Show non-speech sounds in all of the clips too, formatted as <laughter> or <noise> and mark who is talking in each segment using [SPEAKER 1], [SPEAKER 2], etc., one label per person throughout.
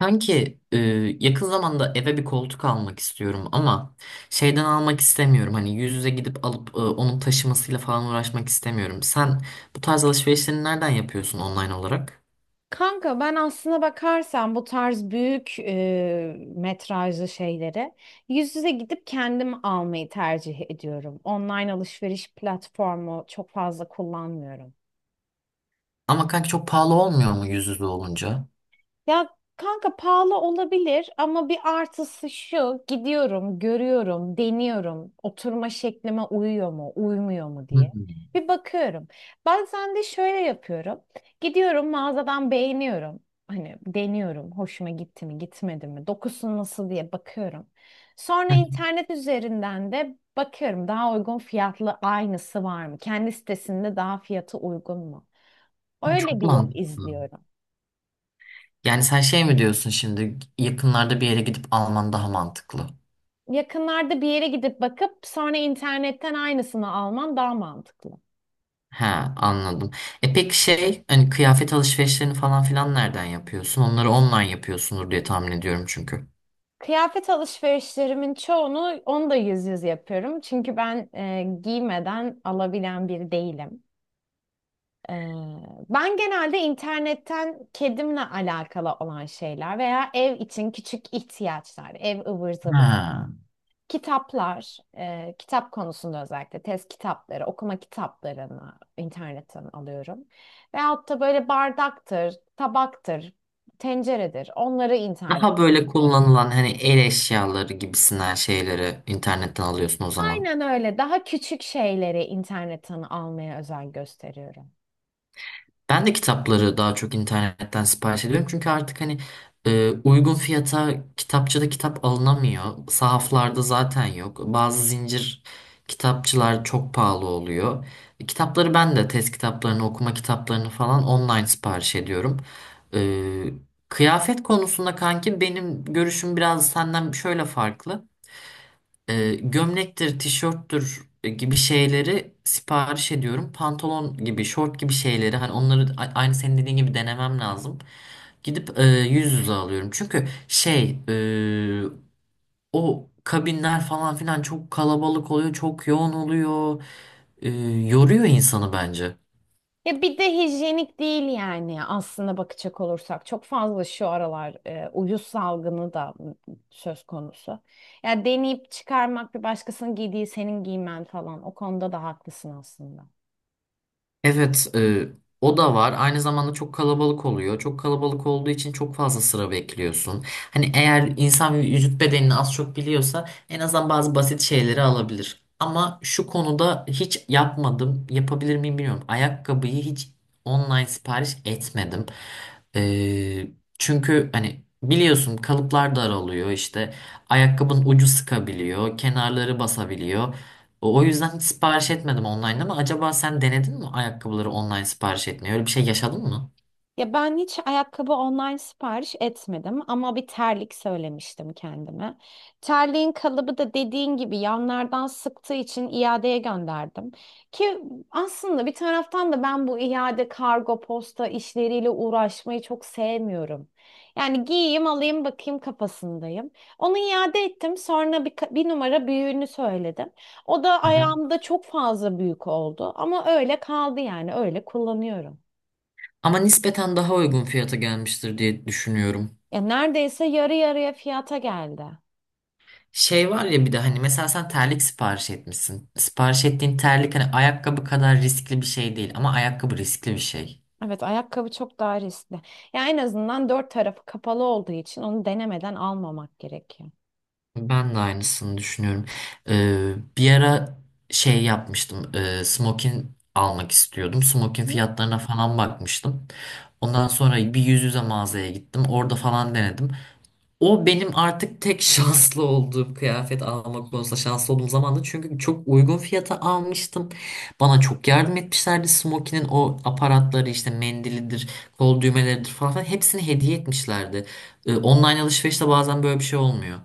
[SPEAKER 1] Kanki yakın zamanda eve bir koltuk almak istiyorum ama şeyden almak istemiyorum. Hani yüz yüze gidip alıp onun taşımasıyla falan uğraşmak istemiyorum. Sen bu tarz alışverişlerini nereden yapıyorsun online olarak?
[SPEAKER 2] Kanka ben aslına bakarsan bu tarz büyük metrajlı şeyleri yüz yüze gidip kendim almayı tercih ediyorum. Online alışveriş platformu çok fazla kullanmıyorum.
[SPEAKER 1] Ama kanki çok pahalı olmuyor mu yüz yüze olunca?
[SPEAKER 2] Ya kanka pahalı olabilir ama bir artısı şu: gidiyorum, görüyorum, deniyorum. Oturma şeklime uyuyor mu, uymuyor mu diye.
[SPEAKER 1] Hmm.
[SPEAKER 2] Bir bakıyorum. Bazen de şöyle yapıyorum. Gidiyorum, mağazadan beğeniyorum. Hani deniyorum. Hoşuma gitti mi, gitmedi mi? Dokusu nasıl diye bakıyorum. Sonra internet üzerinden de bakıyorum. Daha uygun fiyatlı aynısı var mı? Kendi sitesinde daha fiyatı uygun mu? Öyle
[SPEAKER 1] Çok
[SPEAKER 2] bir yol
[SPEAKER 1] mantıklı.
[SPEAKER 2] izliyorum.
[SPEAKER 1] Yani sen şey mi diyorsun şimdi yakınlarda bir yere gidip alman daha mantıklı?
[SPEAKER 2] Yakınlarda bir yere gidip bakıp sonra internetten aynısını alman daha mantıklı.
[SPEAKER 1] He, anladım. E peki şey hani kıyafet alışverişlerini falan filan nereden yapıyorsun? Onları online yapıyorsundur diye tahmin ediyorum çünkü.
[SPEAKER 2] Kıyafet alışverişlerimin çoğunu, onu da yüz yüze yapıyorum. Çünkü ben giymeden alabilen biri değilim. E, Ben genelde internetten kedimle alakalı olan şeyler veya ev için küçük ihtiyaçlar, ev ıvır zıvır
[SPEAKER 1] Ha.
[SPEAKER 2] kitaplar, kitap konusunda özellikle test kitapları, okuma kitaplarını internetten alıyorum. Veyahut da böyle bardaktır, tabaktır, tenceredir. Onları internet.
[SPEAKER 1] Daha böyle kullanılan hani el eşyaları gibisinden şeyleri internetten alıyorsun o zaman.
[SPEAKER 2] Aynen öyle. Daha küçük şeyleri internetten almaya özen gösteriyorum.
[SPEAKER 1] Ben de kitapları daha çok internetten sipariş ediyorum. Çünkü artık hani uygun fiyata kitapçıda kitap alınamıyor. Sahaflarda zaten yok. Bazı zincir kitapçılar çok pahalı oluyor. Kitapları ben de test kitaplarını, okuma kitaplarını falan online sipariş ediyorum. Kıyafet konusunda kanki benim görüşüm biraz senden şöyle farklı. Gömlektir, tişörttür gibi şeyleri sipariş ediyorum. Pantolon gibi, şort gibi şeyleri hani onları aynı senin dediğin gibi denemem lazım. Gidip yüz yüze alıyorum. Çünkü o kabinler falan filan çok kalabalık oluyor, çok yoğun oluyor. E, Yoruyor insanı bence.
[SPEAKER 2] Ya bir de hijyenik değil yani, aslında bakacak olursak. Çok fazla şu aralar uyuz salgını da söz konusu. Ya deneyip çıkarmak, bir başkasının giydiği senin giymen falan, o konuda da haklısın aslında.
[SPEAKER 1] Evet, o da var. Aynı zamanda çok kalabalık oluyor. Çok kalabalık olduğu için çok fazla sıra bekliyorsun. Hani eğer insan vücut bedenini az çok biliyorsa en azından bazı basit şeyleri alabilir. Ama şu konuda hiç yapmadım. Yapabilir miyim bilmiyorum. Ayakkabıyı hiç online sipariş etmedim. E, Çünkü hani biliyorsun kalıplar daralıyor işte. Ayakkabının ucu sıkabiliyor, kenarları basabiliyor. O yüzden hiç sipariş etmedim online, ama acaba sen denedin mi ayakkabıları online sipariş etmeyi? Öyle bir şey yaşadın mı?
[SPEAKER 2] Ya ben hiç ayakkabı online sipariş etmedim ama bir terlik söylemiştim kendime. Terliğin kalıbı da dediğin gibi yanlardan sıktığı için iadeye gönderdim. Ki aslında bir taraftan da ben bu iade kargo posta işleriyle uğraşmayı çok sevmiyorum. Yani giyeyim, alayım, bakayım kafasındayım. Onu iade ettim, sonra bir, bir numara büyüğünü söyledim. O da
[SPEAKER 1] Aha.
[SPEAKER 2] ayağımda çok fazla büyük oldu ama öyle kaldı, yani öyle kullanıyorum.
[SPEAKER 1] Ama nispeten daha uygun fiyata gelmiştir diye düşünüyorum.
[SPEAKER 2] Ya neredeyse yarı yarıya fiyata geldi.
[SPEAKER 1] Şey var ya, bir de hani mesela sen terlik sipariş etmişsin. Sipariş ettiğin terlik hani ayakkabı kadar riskli bir şey değil, ama ayakkabı riskli bir şey.
[SPEAKER 2] Evet, ayakkabı çok daha riskli. Ya en azından dört tarafı kapalı olduğu için onu denemeden almamak gerekiyor.
[SPEAKER 1] Ben de aynısını düşünüyorum. Bir ara şey yapmıştım. Smokin almak istiyordum. Smokin
[SPEAKER 2] Hı.
[SPEAKER 1] fiyatlarına falan bakmıştım. Ondan sonra bir yüz yüze mağazaya gittim. Orada falan denedim. O benim artık tek <laughs> şanslı olduğum, kıyafet almak konusunda şanslı olduğum zamandı. Çünkü çok uygun fiyata almıştım. Bana çok yardım etmişlerdi. Smokin'in o aparatları işte mendilidir, kol düğmeleridir falan filan hepsini hediye etmişlerdi. Online alışverişte bazen böyle bir şey olmuyor.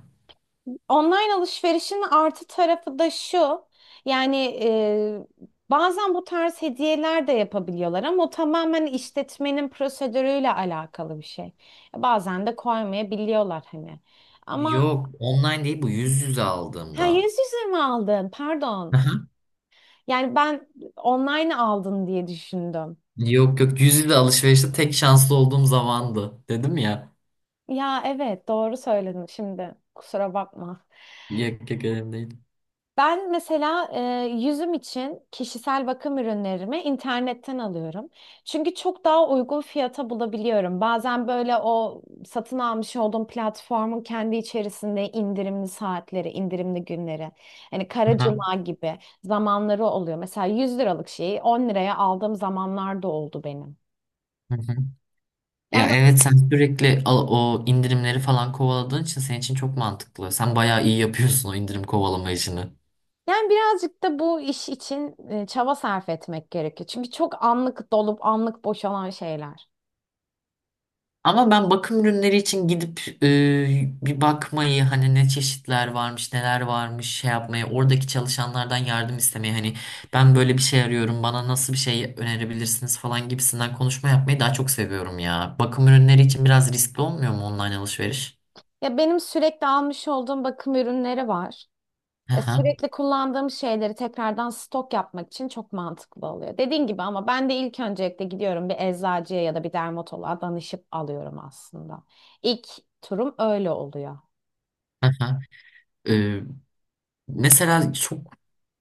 [SPEAKER 2] Online alışverişin artı tarafı da şu. Yani, e, bazen bu tarz hediyeler de yapabiliyorlar ama o tamamen işletmenin prosedürüyle alakalı bir şey. Bazen de koymayabiliyorlar hani. Ama
[SPEAKER 1] Yok, online değil, bu yüz yüze
[SPEAKER 2] ha,
[SPEAKER 1] aldığımda.
[SPEAKER 2] yüz yüze mi aldın? Pardon.
[SPEAKER 1] Aha.
[SPEAKER 2] Yani ben online aldın diye düşündüm.
[SPEAKER 1] Yok yok, yüz yüze alışverişte tek şanslı olduğum zamandı. Dedim ya.
[SPEAKER 2] Ya evet, doğru söyledin şimdi. Kusura bakma.
[SPEAKER 1] Yok yok, önemli değil.
[SPEAKER 2] Ben mesela yüzüm için kişisel bakım ürünlerimi internetten alıyorum. Çünkü çok daha uygun fiyata bulabiliyorum. Bazen böyle o satın almış olduğum platformun kendi içerisinde indirimli saatleri, indirimli günleri, hani Kara
[SPEAKER 1] Aha.
[SPEAKER 2] Cuma gibi zamanları oluyor. Mesela 100 liralık şeyi 10 liraya aldığım zamanlar da oldu benim.
[SPEAKER 1] Hı hı. Ya evet, sen sürekli o indirimleri falan kovaladığın için senin için çok mantıklı. Sen bayağı iyi yapıyorsun o indirim kovalama işini.
[SPEAKER 2] Yani birazcık da bu iş için çaba sarf etmek gerekiyor. Çünkü çok anlık dolup anlık boşalan şeyler.
[SPEAKER 1] Ama ben bakım ürünleri için gidip bir bakmayı, hani ne çeşitler varmış, neler varmış şey yapmayı, oradaki çalışanlardan yardım istemeyi, hani ben böyle bir şey arıyorum, bana nasıl bir şey önerebilirsiniz falan gibisinden konuşma yapmayı daha çok seviyorum ya. Bakım ürünleri için biraz riskli olmuyor mu online alışveriş?
[SPEAKER 2] Ya benim sürekli almış olduğum bakım ürünleri var.
[SPEAKER 1] Hı hı.
[SPEAKER 2] Sürekli kullandığım şeyleri tekrardan stok yapmak için çok mantıklı oluyor. Dediğin gibi, ama ben de ilk öncelikle gidiyorum, bir eczacıya ya da bir dermatoloğa danışıp alıyorum aslında. İlk turum öyle oluyor.
[SPEAKER 1] Mesela çok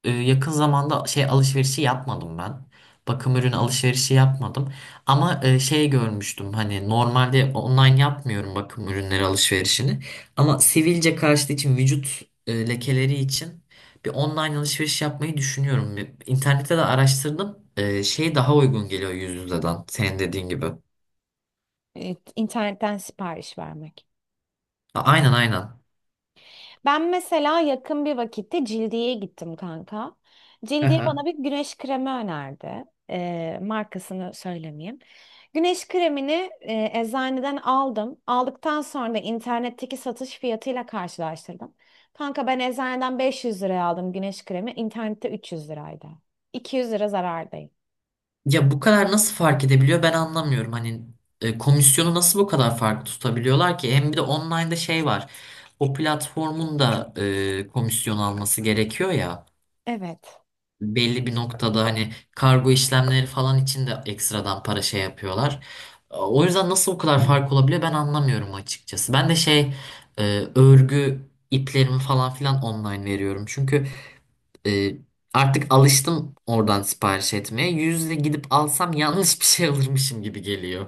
[SPEAKER 1] yakın zamanda şey alışverişi yapmadım ben. Bakım ürün alışverişi yapmadım. Ama şey görmüştüm, hani normalde online yapmıyorum bakım ürünleri alışverişini. Ama sivilce karşıtı için, vücut lekeleri için bir online alışveriş yapmayı düşünüyorum. İnternette de araştırdım. Şey daha uygun geliyor yüz yüzeden, senin dediğin gibi.
[SPEAKER 2] Evet, internetten sipariş vermek.
[SPEAKER 1] Aynen aynen.
[SPEAKER 2] Ben mesela yakın bir vakitte Cildiye'ye gittim kanka. Cildiye bana bir
[SPEAKER 1] <laughs>
[SPEAKER 2] güneş kremi önerdi. Markasını söylemeyeyim. Güneş kremini eczaneden aldım. Aldıktan sonra da internetteki satış fiyatıyla karşılaştırdım. Kanka, ben eczaneden 500 liraya aldım güneş kremi. İnternette 300 liraydı. 200 lira zarardayım.
[SPEAKER 1] Ya bu kadar nasıl fark edebiliyor, ben anlamıyorum. Hani komisyonu nasıl bu kadar farklı tutabiliyorlar ki? Hem bir de online'da şey var. O platformun da komisyon alması gerekiyor ya.
[SPEAKER 2] Evet.
[SPEAKER 1] Belli bir noktada hani kargo işlemleri falan için de ekstradan para şey yapıyorlar. O yüzden nasıl bu kadar fark olabiliyor, ben anlamıyorum açıkçası. Ben de e, örgü iplerimi falan filan online veriyorum. Çünkü ee, artık alıştım oradan sipariş etmeye. Yüzle gidip alsam yanlış bir şey alırmışım gibi geliyor.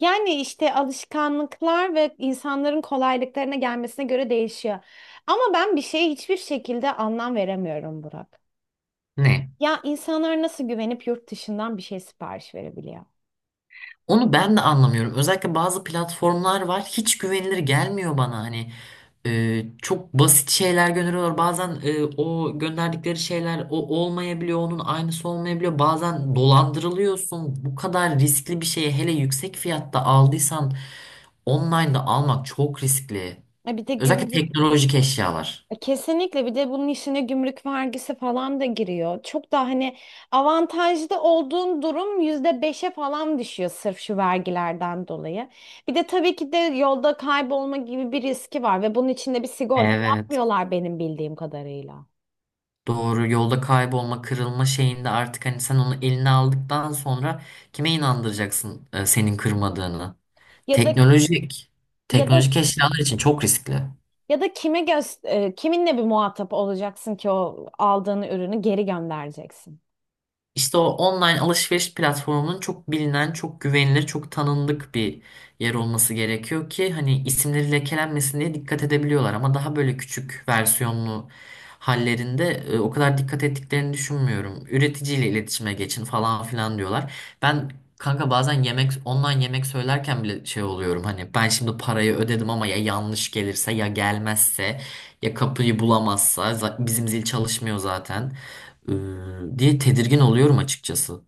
[SPEAKER 2] Yani işte alışkanlıklar ve insanların kolaylıklarına gelmesine göre değişiyor. Ama ben bir şeye hiçbir şekilde anlam veremiyorum Burak.
[SPEAKER 1] Ne?
[SPEAKER 2] Ya insanlar nasıl güvenip yurt dışından bir şey sipariş verebiliyor?
[SPEAKER 1] Onu ben de anlamıyorum. Özellikle bazı platformlar var. Hiç güvenilir gelmiyor bana. Hani çok basit şeyler gönderiyorlar. Bazen o gönderdikleri şeyler o olmayabiliyor. Onun aynısı olmayabiliyor. Bazen dolandırılıyorsun. Bu kadar riskli bir şeyi, hele yüksek fiyatta aldıysan, online'da almak çok riskli.
[SPEAKER 2] Bir de
[SPEAKER 1] Özellikle
[SPEAKER 2] gümrük.
[SPEAKER 1] teknolojik eşyalar.
[SPEAKER 2] Kesinlikle, bir de bunun işine gümrük vergisi falan da giriyor. Çok da hani avantajlı olduğun durum %5'e falan düşüyor sırf şu vergilerden dolayı. Bir de tabii ki de yolda kaybolma gibi bir riski var ve bunun içinde bir sigorta
[SPEAKER 1] Evet.
[SPEAKER 2] yapmıyorlar benim bildiğim kadarıyla.
[SPEAKER 1] Doğru, yolda kaybolma, kırılma şeyinde artık hani sen onu eline aldıktan sonra kime inandıracaksın senin kırmadığını?
[SPEAKER 2] Ya da
[SPEAKER 1] Teknolojik,
[SPEAKER 2] ya da
[SPEAKER 1] teknolojik eşyalar için çok riskli.
[SPEAKER 2] ya da kiminle bir muhatap olacaksın ki o aldığın ürünü geri göndereceksin.
[SPEAKER 1] İşte o online alışveriş platformunun çok bilinen, çok güvenilir, çok tanındık bir yer olması gerekiyor ki hani isimleri lekelenmesin diye dikkat edebiliyorlar, ama daha böyle küçük versiyonlu hallerinde o kadar dikkat ettiklerini düşünmüyorum. Üreticiyle iletişime geçin falan filan diyorlar. Ben kanka bazen online yemek söylerken bile şey oluyorum, hani ben şimdi parayı ödedim ama ya yanlış gelirse, ya gelmezse, ya kapıyı bulamazsa, bizim zil çalışmıyor zaten, diye tedirgin oluyorum açıkçası.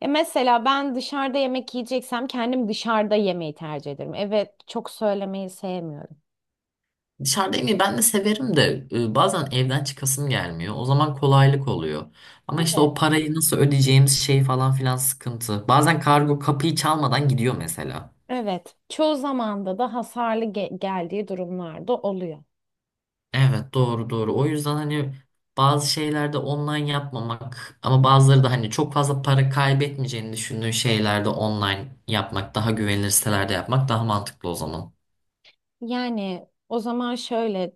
[SPEAKER 2] Ya mesela ben dışarıda yemek yiyeceksem kendim dışarıda yemeyi tercih ederim. Evet, çok söylemeyi sevmiyorum.
[SPEAKER 1] Dışarıda yemeği ben de severim de bazen evden çıkasım gelmiyor. O zaman kolaylık oluyor. Ama işte
[SPEAKER 2] Evet.
[SPEAKER 1] o parayı nasıl ödeyeceğimiz şey falan filan sıkıntı. Bazen kargo kapıyı çalmadan gidiyor mesela.
[SPEAKER 2] Evet, çoğu zamanda da hasarlı geldiği durumlarda oluyor.
[SPEAKER 1] Evet, doğru doğru. O yüzden hani bazı şeylerde online yapmamak, ama bazıları da hani çok fazla para kaybetmeyeceğini düşündüğün şeylerde online yapmak, daha güvenilir sitelerde yapmak daha mantıklı o zaman.
[SPEAKER 2] Yani o zaman şöyle,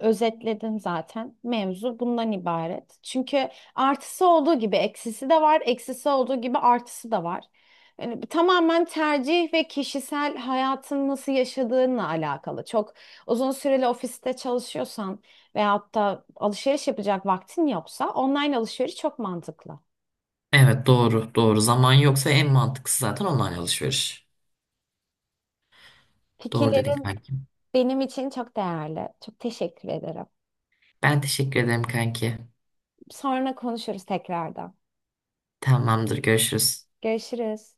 [SPEAKER 2] özetledim zaten. Mevzu bundan ibaret. Çünkü artısı olduğu gibi eksisi de var, eksisi olduğu gibi artısı da var. Yani bu tamamen tercih ve kişisel hayatın nasıl yaşadığınla alakalı. Çok uzun süreli ofiste çalışıyorsan veyahut da alışveriş yapacak vaktin yoksa online alışveriş çok mantıklı.
[SPEAKER 1] Evet, doğru doğru. Zaman yoksa en mantıklısı zaten online alışveriş. Doğru dedin
[SPEAKER 2] Fikirlerin
[SPEAKER 1] kanki.
[SPEAKER 2] benim için çok değerli. Çok teşekkür ederim.
[SPEAKER 1] Ben teşekkür ederim kanki.
[SPEAKER 2] Sonra konuşuruz tekrardan.
[SPEAKER 1] Tamamdır, görüşürüz.
[SPEAKER 2] Görüşürüz.